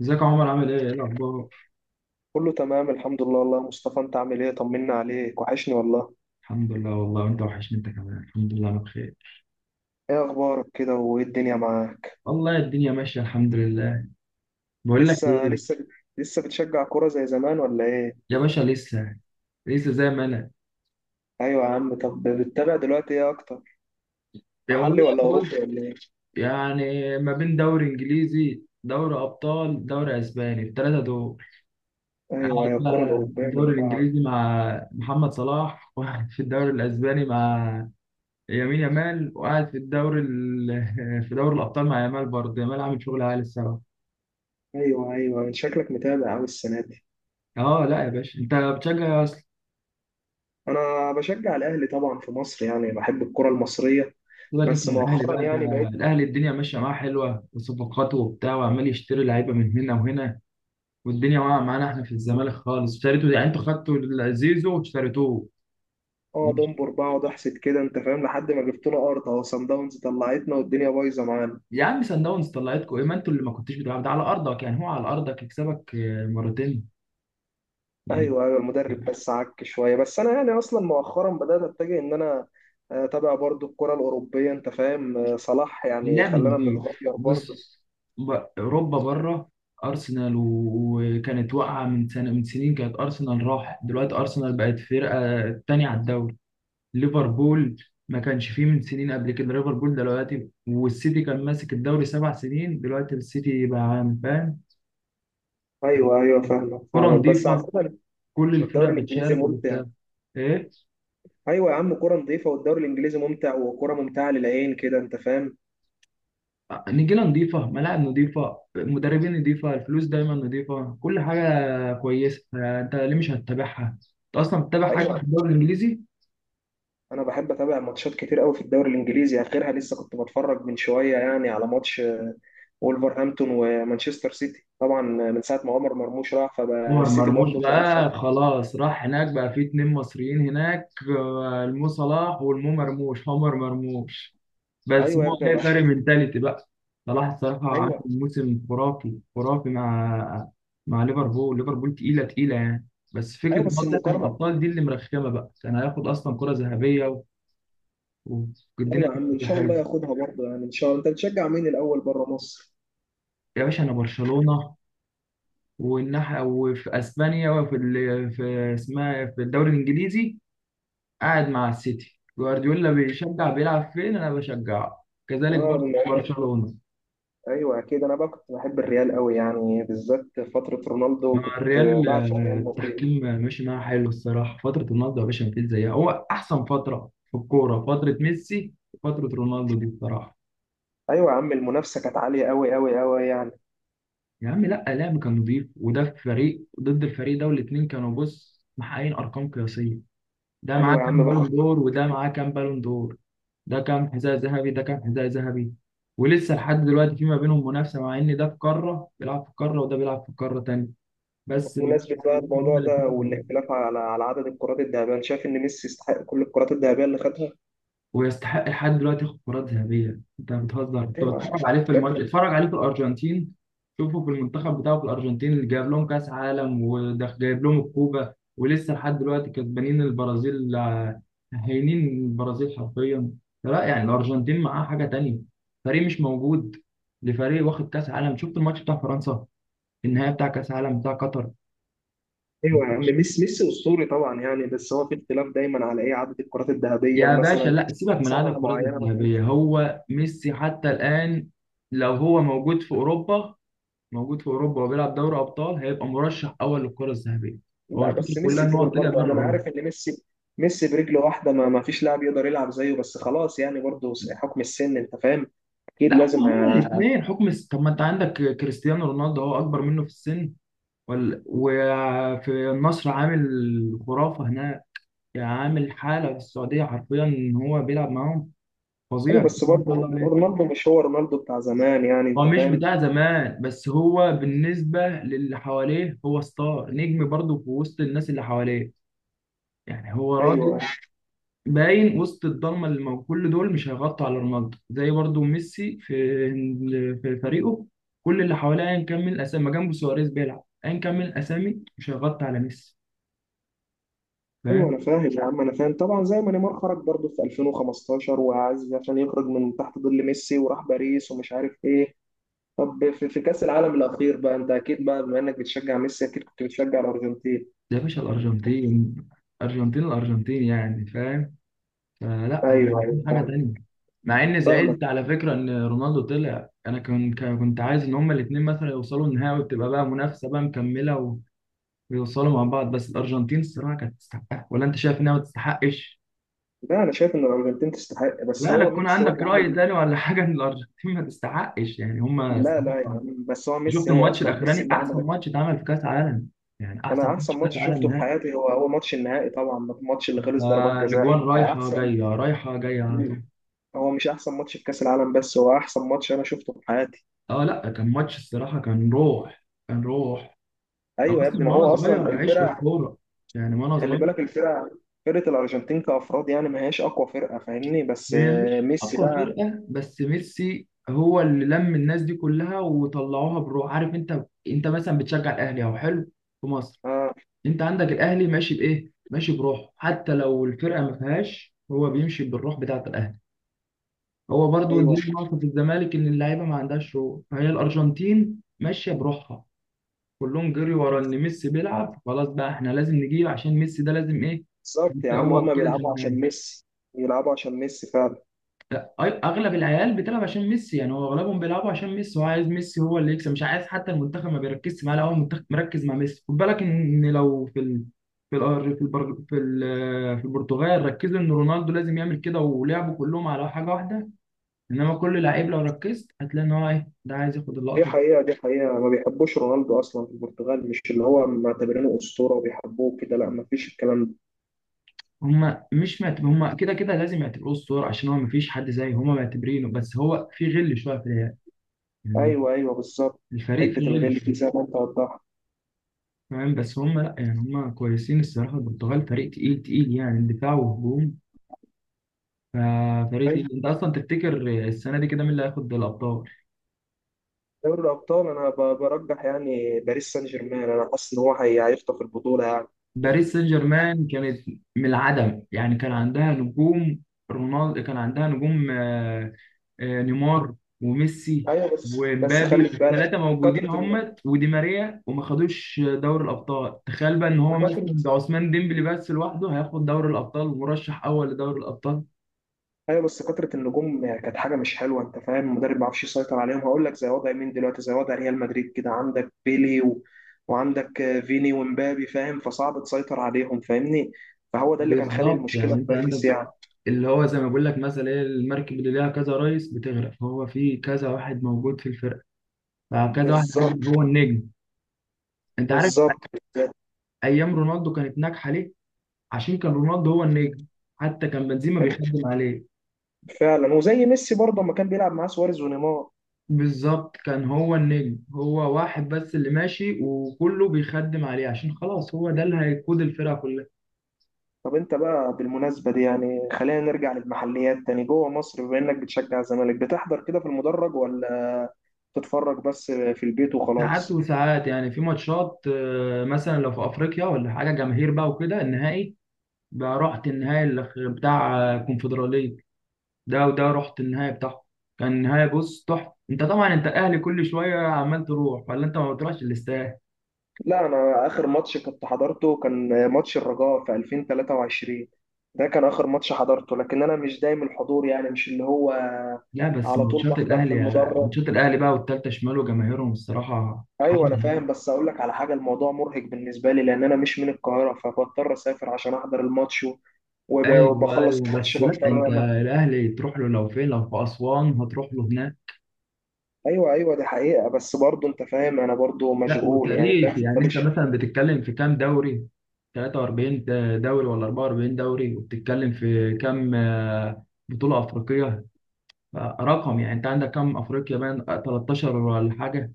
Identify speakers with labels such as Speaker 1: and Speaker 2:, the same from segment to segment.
Speaker 1: ازيك يا عمر؟ عامل ايه؟ ايه الاخبار؟
Speaker 2: كله تمام الحمد لله والله يا مصطفى، انت عامل ايه؟ طمنا عليك، وحشني والله.
Speaker 1: الحمد لله والله، وانت وحشني انت كمان. الحمد لله انا بخير.
Speaker 2: ايه اخبارك كده وايه الدنيا معاك؟
Speaker 1: والله الدنيا ماشيه الحمد لله. بقول لك
Speaker 2: لسه
Speaker 1: ايه.
Speaker 2: لسه لسه بتشجع كرة زي زمان ولا ايه؟
Speaker 1: يا باشا لسه، لسه زي ما انا.
Speaker 2: ايوه يا عم. طب بتتابع دلوقتي ايه اكتر؟
Speaker 1: يا
Speaker 2: محلي
Speaker 1: والله
Speaker 2: ولا اوروبي
Speaker 1: بص،
Speaker 2: ولا ايه؟
Speaker 1: يعني ما بين دوري انجليزي، دوري ابطال، دوري اسباني الثلاثه دول.
Speaker 2: ايوه
Speaker 1: قاعد
Speaker 2: ايوه، الكرة
Speaker 1: بقى في
Speaker 2: الاوروبية
Speaker 1: الدوري
Speaker 2: من بعض.
Speaker 1: الانجليزي مع محمد صلاح، وقاعد في الدوري الاسباني مع يمين يامال، وقاعد في دوري الابطال مع يامال، برضه يامال عامل شغل عالي الصراحه.
Speaker 2: ايوه ايوه، من شكلك متابع قوي السنة دي.
Speaker 1: اه لا يا باشا، انت بتشجع.
Speaker 2: انا بشجع الاهلي طبعا في مصر، يعني بحب الكرة المصرية.
Speaker 1: سيبك انت
Speaker 2: بس
Speaker 1: من الاهلي
Speaker 2: مؤخرا
Speaker 1: بقى،
Speaker 2: يعني
Speaker 1: ده
Speaker 2: بقيت.
Speaker 1: الاهلي الدنيا ماشيه معاه حلوه وصفقاته وبتاع، وعمال يشتري لعيبه من هنا وهنا. والدنيا واقعه معانا احنا في الزمالك خالص. اشتريتوا يعني انتوا خدتوا زيزو واشتريتوه.
Speaker 2: اه دمبر بقعد احسد كده انت فاهم، لحد ما جبت له ارض اهو صن داونز طلعتنا والدنيا بايظه معانا.
Speaker 1: يا عم سان داونز طلعتكم ايه؟ ما انتوا اللي ما كنتوش بتلعبوا، ده على ارضك، يعني هو على ارضك يكسبك مرتين يعني.
Speaker 2: ايوه ايوه المدرب بس عك شويه، بس انا يعني اصلا مؤخرا بدات اتجه ان انا اتابع برضو الكره الاوروبيه انت فاهم. صلاح يعني
Speaker 1: اللعب
Speaker 2: خلانا
Speaker 1: نضيف،
Speaker 2: نتغير برضو.
Speaker 1: بص، ب- اوروبا بره. وكانت واقعه من سنه، من سنين كانت ارسنال راح، دلوقتي ارسنال بقت فرقه تانية على الدوري. ليفربول ما كانش فيه من سنين قبل كده ليفربول دلوقتي، والسيتي كان ماسك الدوري سبع سنين، دلوقتي السيتي بقى عام. فاهم؟
Speaker 2: ايوه ايوه فاهمك
Speaker 1: كرة
Speaker 2: فاهمك بس
Speaker 1: نظيفة،
Speaker 2: عامه.
Speaker 1: كل
Speaker 2: الدوري
Speaker 1: الفرق
Speaker 2: الانجليزي
Speaker 1: بتشارك
Speaker 2: ممتع.
Speaker 1: وبتاع. ايه؟
Speaker 2: ايوه يا عم، كره نظيفه والدوري الانجليزي ممتع وكره ممتعه للعين كده انت فاهم.
Speaker 1: نجيلة نظيفة، ملاعب نظيفة، مدربين نظيفة، الفلوس دايما نظيفة، كل حاجة كويسة. انت ليه مش هتتابعها؟ انت اصلا بتتابع حاجة في
Speaker 2: ايوه.
Speaker 1: الدوري الانجليزي؟
Speaker 2: انا بحب اتابع ماتشات كتير قوي في الدوري الانجليزي، اخرها لسه كنت بتفرج من شويه يعني على ماتش وولفرهامبتون ومانشستر سيتي طبعا. من ساعه ما عمر مرموش راح فبقى
Speaker 1: مهر
Speaker 2: السيتي
Speaker 1: مرموش
Speaker 2: برضه.
Speaker 1: بقى خلاص راح هناك، بقى في اتنين مصريين هناك. المو صلاح والمو مرموش عمر مرموش. بس
Speaker 2: ايوه يا
Speaker 1: هو
Speaker 2: ابني
Speaker 1: هي
Speaker 2: بقى.
Speaker 1: فرق منتاليتي بقى. صلاح الصراحة عامل
Speaker 2: ايوه
Speaker 1: موسم خرافي خرافي مع، مع ليفربول. ليفربول تقيلة تقيلة يعني. بس فكرة
Speaker 2: ايوه
Speaker 1: إن هو
Speaker 2: بس
Speaker 1: طلع من
Speaker 2: المقارنه.
Speaker 1: الأبطال دي اللي مرخمة بقى، كان هياخد أصلا كرة ذهبية و-
Speaker 2: ايوه
Speaker 1: والدنيا
Speaker 2: يا
Speaker 1: كانت
Speaker 2: عم، ان
Speaker 1: هتبقى
Speaker 2: شاء الله
Speaker 1: حلوة.
Speaker 2: ياخدها برضه يعني ان شاء الله. انت بتشجع مين الاول بره مصر؟
Speaker 1: يا باشا أنا برشلونة، والناحية وفي أسبانيا في اسمها إيه، في الدوري الإنجليزي قاعد مع السيتي. جوارديولا بيشجع بيلعب فين أنا بشجعه، كذلك
Speaker 2: اه
Speaker 1: برضه برشلونة.
Speaker 2: ايوه اكيد، انا بقى كنت بحب الريال قوي يعني بالذات فتره رونالدو،
Speaker 1: مع
Speaker 2: كنت
Speaker 1: الريال
Speaker 2: بعشق ريال مدريد.
Speaker 1: التحكيم ماشي معاه حلو الصراحة. فترة رونالدو يا باشا مفيش زيها، هو أحسن فترة في الكورة فترة ميسي وفترة رونالدو دي الصراحة.
Speaker 2: ايوه يا عم، المنافسه كانت عاليه قوي قوي قوي يعني.
Speaker 1: يا عم لا، لعب كان نضيف، وده في فريق ضد الفريق ده، والاتنين كانوا بص محققين أرقام قياسية. ده معاه
Speaker 2: ايوه يا
Speaker 1: كام
Speaker 2: عم بقى.
Speaker 1: بالون دور وده معاه كام بالون دور، ده كام حذاء ذهبي ده كام حذاء ذهبي. ولسه لحد دلوقتي في ما بينهم منافسة، مع إن ده في قارة بيلعب في قارة وده بيلعب في قارة تانية، بس المنافسة
Speaker 2: بمناسبه
Speaker 1: ما
Speaker 2: بقى
Speaker 1: بينهم
Speaker 2: الموضوع
Speaker 1: هما
Speaker 2: ده
Speaker 1: الاتنين.
Speaker 2: والاختلاف على عدد الكرات الذهبيه، انا شايف ان ميسي يستحق كل الكرات الذهبيه اللي خدها.
Speaker 1: ويستحق لحد دلوقتي ياخد كرات ذهبية. انت بتهزر، كنت
Speaker 2: ايوه.
Speaker 1: بتفرج عليه في الماتش؟
Speaker 2: شكل.
Speaker 1: اتفرج عليه في الأرجنتين، شوفه في المنتخب بتاعه في الأرجنتين، اللي جايب لهم كأس عالم، وده جايب لهم الكوبا، ولسه لحد دلوقتي كسبانين البرازيل. هينين البرازيل حرفيا. لا يعني الأرجنتين معاه حاجة تانية، فريق مش موجود، لفريق واخد كأس عالم. شفت الماتش بتاع فرنسا، النهائي بتاع كأس عالم بتاع قطر؟
Speaker 2: ايوه يا عم، ميسي ميسي اسطوري طبعا يعني، بس هو في اختلاف دايما على ايه عدد الكرات الذهبيه
Speaker 1: يا باشا
Speaker 2: ومثلا
Speaker 1: لا، سيبك من عدد
Speaker 2: سنه
Speaker 1: الكرات
Speaker 2: معينه ما
Speaker 1: الذهبية،
Speaker 2: كانش.
Speaker 1: هو ميسي حتى الآن لو هو موجود في أوروبا، موجود في أوروبا وبيلعب دوري أبطال هيبقى مرشح أول للكرة الذهبية. هو
Speaker 2: لا
Speaker 1: الفكرة
Speaker 2: بس
Speaker 1: كلها
Speaker 2: ميسي
Speaker 1: إن هو
Speaker 2: كبر
Speaker 1: طلع
Speaker 2: برضه
Speaker 1: بره
Speaker 2: يعني، انا
Speaker 1: أوروبا.
Speaker 2: عارف ان ميسي، ميسي برجله واحده ما فيش لاعب يقدر يلعب زيه، بس خلاص يعني برضه حكم السن انت فاهم. اكيد
Speaker 1: لا، هم
Speaker 2: لازم
Speaker 1: هما الاتنين طب ما أنت عندك كريستيانو رونالدو، هو أكبر منه في السن، وفي النصر عامل خرافة هناك، يعني عامل حالة في السعودية حرفيا إن هو بيلعب معاهم فظيع
Speaker 2: أيوة
Speaker 1: بسم
Speaker 2: بس
Speaker 1: الله ما شاء
Speaker 2: برضه
Speaker 1: الله.
Speaker 2: رونالدو مش هو رونالدو بتاع زمان يعني
Speaker 1: هو
Speaker 2: انت
Speaker 1: مش
Speaker 2: فاهم.
Speaker 1: بتاع زمان، بس هو بالنسبة للي حواليه هو ستار، نجم برضه في وسط الناس اللي حواليه. يعني هو
Speaker 2: ايوه
Speaker 1: راجل باين وسط الضلمة اللي موجود، كل دول مش هيغطوا على رونالدو، زي برضه ميسي في في فريقه، كل اللي حواليه أيا كان من الأسامي، ما جنبه سواريز بيلعب أيا كان من الأسامي، مش هيغطي على ميسي.
Speaker 2: ايوه
Speaker 1: فاهم؟
Speaker 2: انا فاهم يا عم، انا فاهم طبعا. زي ما نيمار خرج برضه في 2015 وعايز عشان يخرج من تحت ظل ميسي وراح باريس ومش عارف ايه. طب في كأس العالم الأخير بقى، أنت أكيد بقى بما إنك بتشجع ميسي أكيد كنت بتشجع الأرجنتين.
Speaker 1: ده يا باشا الأرجنتين، أرجنتين الأرجنتين يعني، فاهم؟ آه لا انا
Speaker 2: أيوه أيوه
Speaker 1: كان حاجه تانية. مع ان
Speaker 2: فاهمك.
Speaker 1: زعلت على فكره ان رونالدو طلع، انا كنت، كنت عايز ان هما الاثنين مثلا يوصلوا النهائي، وتبقى بقى منافسه بقى مكمله ويوصلوا مع بعض. بس الارجنتين الصراحه كانت تستحقها، ولا انت شايف انها ما تستحقش؟
Speaker 2: لا أنا شايف إن الأرجنتين تستحق، بس
Speaker 1: لا لا،
Speaker 2: هو
Speaker 1: تكون
Speaker 2: ميسي هو
Speaker 1: عندك
Speaker 2: اللي
Speaker 1: راي
Speaker 2: عمل.
Speaker 1: تاني ولا حاجه ان الارجنتين ما تستحقش، يعني هما
Speaker 2: لا لا يا
Speaker 1: الصراحه.
Speaker 2: عم، بس هو
Speaker 1: شفت
Speaker 2: ميسي، هو
Speaker 1: الماتش
Speaker 2: أصلا ميسي
Speaker 1: الاخراني،
Speaker 2: اللي
Speaker 1: احسن
Speaker 2: عمل.
Speaker 1: ماتش اتعمل في كاس عالم، يعني احسن
Speaker 2: أنا
Speaker 1: ماتش
Speaker 2: أحسن
Speaker 1: في كاس
Speaker 2: ماتش
Speaker 1: عالم
Speaker 2: شفته في
Speaker 1: نهائي.
Speaker 2: حياتي هو ماتش النهائي طبعا، الماتش اللي خلص ضربات جزاء
Speaker 1: الاجوان رايحه
Speaker 2: أحسن.
Speaker 1: جايه رايحه جايه على طول.
Speaker 2: هو مش أحسن ماتش في كأس العالم، بس هو أحسن ماتش أنا شفته في حياتي.
Speaker 1: اه لا كان ماتش الصراحه، كان روح، كان روح. انا
Speaker 2: أيوه يا
Speaker 1: اصلا
Speaker 2: ابني،
Speaker 1: من
Speaker 2: ما
Speaker 1: وانا
Speaker 2: هو
Speaker 1: صغير
Speaker 2: أصلا
Speaker 1: عايش
Speaker 2: الفرقة.
Speaker 1: الكوره، يعني من وانا
Speaker 2: خلي
Speaker 1: صغير.
Speaker 2: بالك الفرقة، فرقة الأرجنتين كأفراد يعني ما هياش أقوى فرقة فاهمني، بس
Speaker 1: هي مش
Speaker 2: ميسي
Speaker 1: اقوى
Speaker 2: بقى.
Speaker 1: فرقه، بس ميسي هو اللي لم الناس دي كلها وطلعوها بروح. عارف، انت انت مثلا بتشجع الاهلي او حلو في مصر،
Speaker 2: اه.
Speaker 1: انت عندك الاهلي ماشي بايه؟ ماشي بروحه، حتى لو الفرقه ما فيهاش، هو بيمشي بالروح بتاعه الاهلي. هو برضو دي
Speaker 2: ايوه
Speaker 1: النقطه في الزمالك، ان اللعيبه ما عندهاش روح، فهي الارجنتين ماشيه بروحها، كلهم جري ورا ان ميسي بيلعب، خلاص بقى احنا لازم نجيب عشان ميسي ده لازم ايه
Speaker 2: بالظبط يا عم،
Speaker 1: يتقوى
Speaker 2: هما
Speaker 1: كده في
Speaker 2: بيلعبوا عشان
Speaker 1: النهايه.
Speaker 2: ميسي. بيلعبوا عشان ميسي فعلا.
Speaker 1: اغلب العيال بتلعب عشان ميسي، يعني هو اغلبهم بيلعبوا عشان ميسي، هو عايز ميسي هو اللي يكسب. مش عايز حتى المنتخب ما بيركزش معاه، لا هو المنتخب مركز مع ميسي، خد بالك ان لو في ال... في الأر- في البر... في ال... في البرتغال ركزوا ان رونالدو لازم يعمل كده ولعبوا كلهم على حاجه واحده، انما كل لعيب لو ركزت هتلاقي ان هو ايه ده عايز ياخد
Speaker 2: دي
Speaker 1: اللقطه دي.
Speaker 2: حقيقة، دي حقيقة، ما بيحبوش رونالدو أصلا في البرتغال، مش اللي هو معتبرينه أسطورة وبيحبوه كده، لا، ما فيش الكلام ده.
Speaker 1: هما مش معتب... هما كده كده لازم يعتبروه الصورة، عشان هو مفيش حد زيه، هما معتبرينه، بس هو في غل شوية في العيال يعني،
Speaker 2: أيوه أيوه بالظبط.
Speaker 1: الفريق
Speaker 2: حتة
Speaker 1: فيه غل
Speaker 2: الغل دي زي
Speaker 1: شوية.
Speaker 2: ما أنت وضحت.
Speaker 1: فاهم؟ بس هم لا يعني هم كويسين الصراحه، البرتغال فريق تقيل تقيل يعني، دفاع وهجوم ففريق
Speaker 2: أيوه.
Speaker 1: تقيل. انت اصلا تفتكر السنه دي كده مين اللي هياخد الابطال؟
Speaker 2: دوري الأبطال أنا برجح يعني باريس سان جيرمان، أنا حاسس إن هو هيخطف البطولة يعني.
Speaker 1: باريس سان جيرمان كانت من العدم، يعني كان عندها نجوم، رونالدو كان عندها نجوم نيمار وميسي
Speaker 2: أيوه بس
Speaker 1: ومبابي
Speaker 2: خلي في بالك،
Speaker 1: الثلاثه موجودين
Speaker 2: كثرة ال-
Speaker 1: هم ودي ماريا وما خدوش دوري الابطال. تخيل بقى ان هو مثلا
Speaker 2: كثرة.
Speaker 1: ده عثمان ديمبلي بس لوحده هياخد دوري الابطال ومرشح اول لدوري الابطال.
Speaker 2: ايوه بس كثره النجوم يعني كانت حاجه مش حلوه انت فاهم، المدرب ما بيعرفش يسيطر عليهم. هقول لك زي وضع مين دلوقتي؟ زي وضع ريال مدريد كده، عندك بيلي و... وعندك فيني ومبابي فاهم، فصعب تسيطر عليهم فاهمني. فهو ده اللي كان خالق
Speaker 1: بالظبط، يعني
Speaker 2: المشكله في
Speaker 1: انت
Speaker 2: باريس
Speaker 1: عندك
Speaker 2: يعني.
Speaker 1: اللي هو زي ما بقول لك مثلا ايه، المركب اللي ليها كذا رئيس بتغرق، هو في كذا واحد موجود في الفرقه، فكذا واحد
Speaker 2: بالظبط
Speaker 1: عادي هو النجم. انت عارف
Speaker 2: بالظبط
Speaker 1: ايام رونالدو كانت ناجحه ليه؟ عشان كان رونالدو هو النجم، حتى كان بنزيما
Speaker 2: كان-
Speaker 1: بيخدم عليه.
Speaker 2: فعلا. وزي ميسي برضه لما كان بيلعب معاه سواريز ونيمار.
Speaker 1: بالظبط، كان هو النجم، هو واحد بس اللي ماشي وكله بيخدم عليه، عشان خلاص هو ده اللي هيقود الفرقه كلها.
Speaker 2: طب انت بقى بالمناسبه دي يعني خلينا نرجع للمحليات تاني جوه مصر، بما انك بتشجع الزمالك بتحضر كده في المدرج ولا تتفرج بس في البيت
Speaker 1: ساعات
Speaker 2: وخلاص؟
Speaker 1: وساعات، يعني في ماتشات مثلا لو في افريقيا ولا حاجه جماهير بقى وكده. النهائي بقى، رحت بتاع الكونفدرالية ده، وده رحت النهائي بتاعه كان نهائي بص تحفة. انت طبعا انت اهلي كل شوية عمال تروح، ولا انت ما بتروحش الاستاد؟
Speaker 2: لا، انا اخر ماتش كنت حضرته كان ماتش الرجاء في 2023. ده كان اخر ماتش حضرته، لكن انا مش دايم الحضور يعني مش اللي هو
Speaker 1: لا بس
Speaker 2: على طول
Speaker 1: ماتشات
Speaker 2: بحضر في
Speaker 1: الاهلي،
Speaker 2: المدرج.
Speaker 1: ماتشات الاهلي بقى، والتالتة شمال وجماهيرهم الصراحة حاجة
Speaker 2: ايوه انا
Speaker 1: يعني.
Speaker 2: فاهم، بس اقول لك على حاجه، الموضوع مرهق بالنسبه لي لان انا مش من القاهره، فبضطر اسافر عشان احضر الماتش
Speaker 1: ايوه
Speaker 2: وبخلص
Speaker 1: ايوه،
Speaker 2: الماتش
Speaker 1: بس لا انت
Speaker 2: بضطر انا.
Speaker 1: الاهلي تروح له، لو فين لو في اسوان هتروح له هناك.
Speaker 2: ايوه ايوه دي حقيقه، بس برضه انت فاهم انا برضه
Speaker 1: لا
Speaker 2: مشغول يعني
Speaker 1: وتاريخ
Speaker 2: فاهم
Speaker 1: يعني، انت
Speaker 2: فمش.
Speaker 1: مثلا بتتكلم في كام دوري؟ 43 دوري ولا 44 دوري، وبتتكلم في كام بطولة أفريقية رقم، يعني انت عندك كام افريقيا بان؟ 13 ولا حاجه؟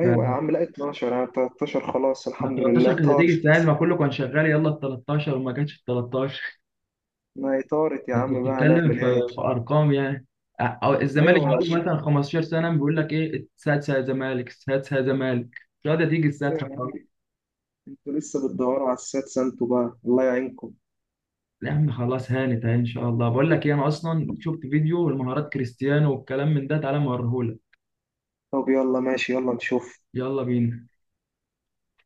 Speaker 2: ايوه يا
Speaker 1: فما
Speaker 2: عم، لا 12 انا 13 خلاص الحمد لله
Speaker 1: 13 كانت
Speaker 2: طارق.
Speaker 1: هتيجي سهل، ما كله كان شغال، يلا ال 13، وما كانش ال 13.
Speaker 2: ما إطارة يا
Speaker 1: انت
Speaker 2: عم بقى،
Speaker 1: بتتكلم في
Speaker 2: هنعمل إيه؟
Speaker 1: في ارقام يعني، أو الزمالك
Speaker 2: أيوة أنا
Speaker 1: بقى له
Speaker 2: بقول.
Speaker 1: مثلا 15 سنه بيقول لك ايه، السادسه يا زمالك السادسه يا زمالك، مش قادر تيجي
Speaker 2: أيوة
Speaker 1: السادسه
Speaker 2: يا عم.
Speaker 1: خالص.
Speaker 2: أنتوا لسه بتدوروا على السات سانتو بقى، الله يعينكم.
Speaker 1: يا عم خلاص هانت اهي ان شاء الله. بقول لك ايه، انا اصلا شفت فيديو المهارات كريستيانو والكلام من ده، تعالى موريهولك.
Speaker 2: طب يلا ماشي، يلا نشوف.
Speaker 1: يلا بينا.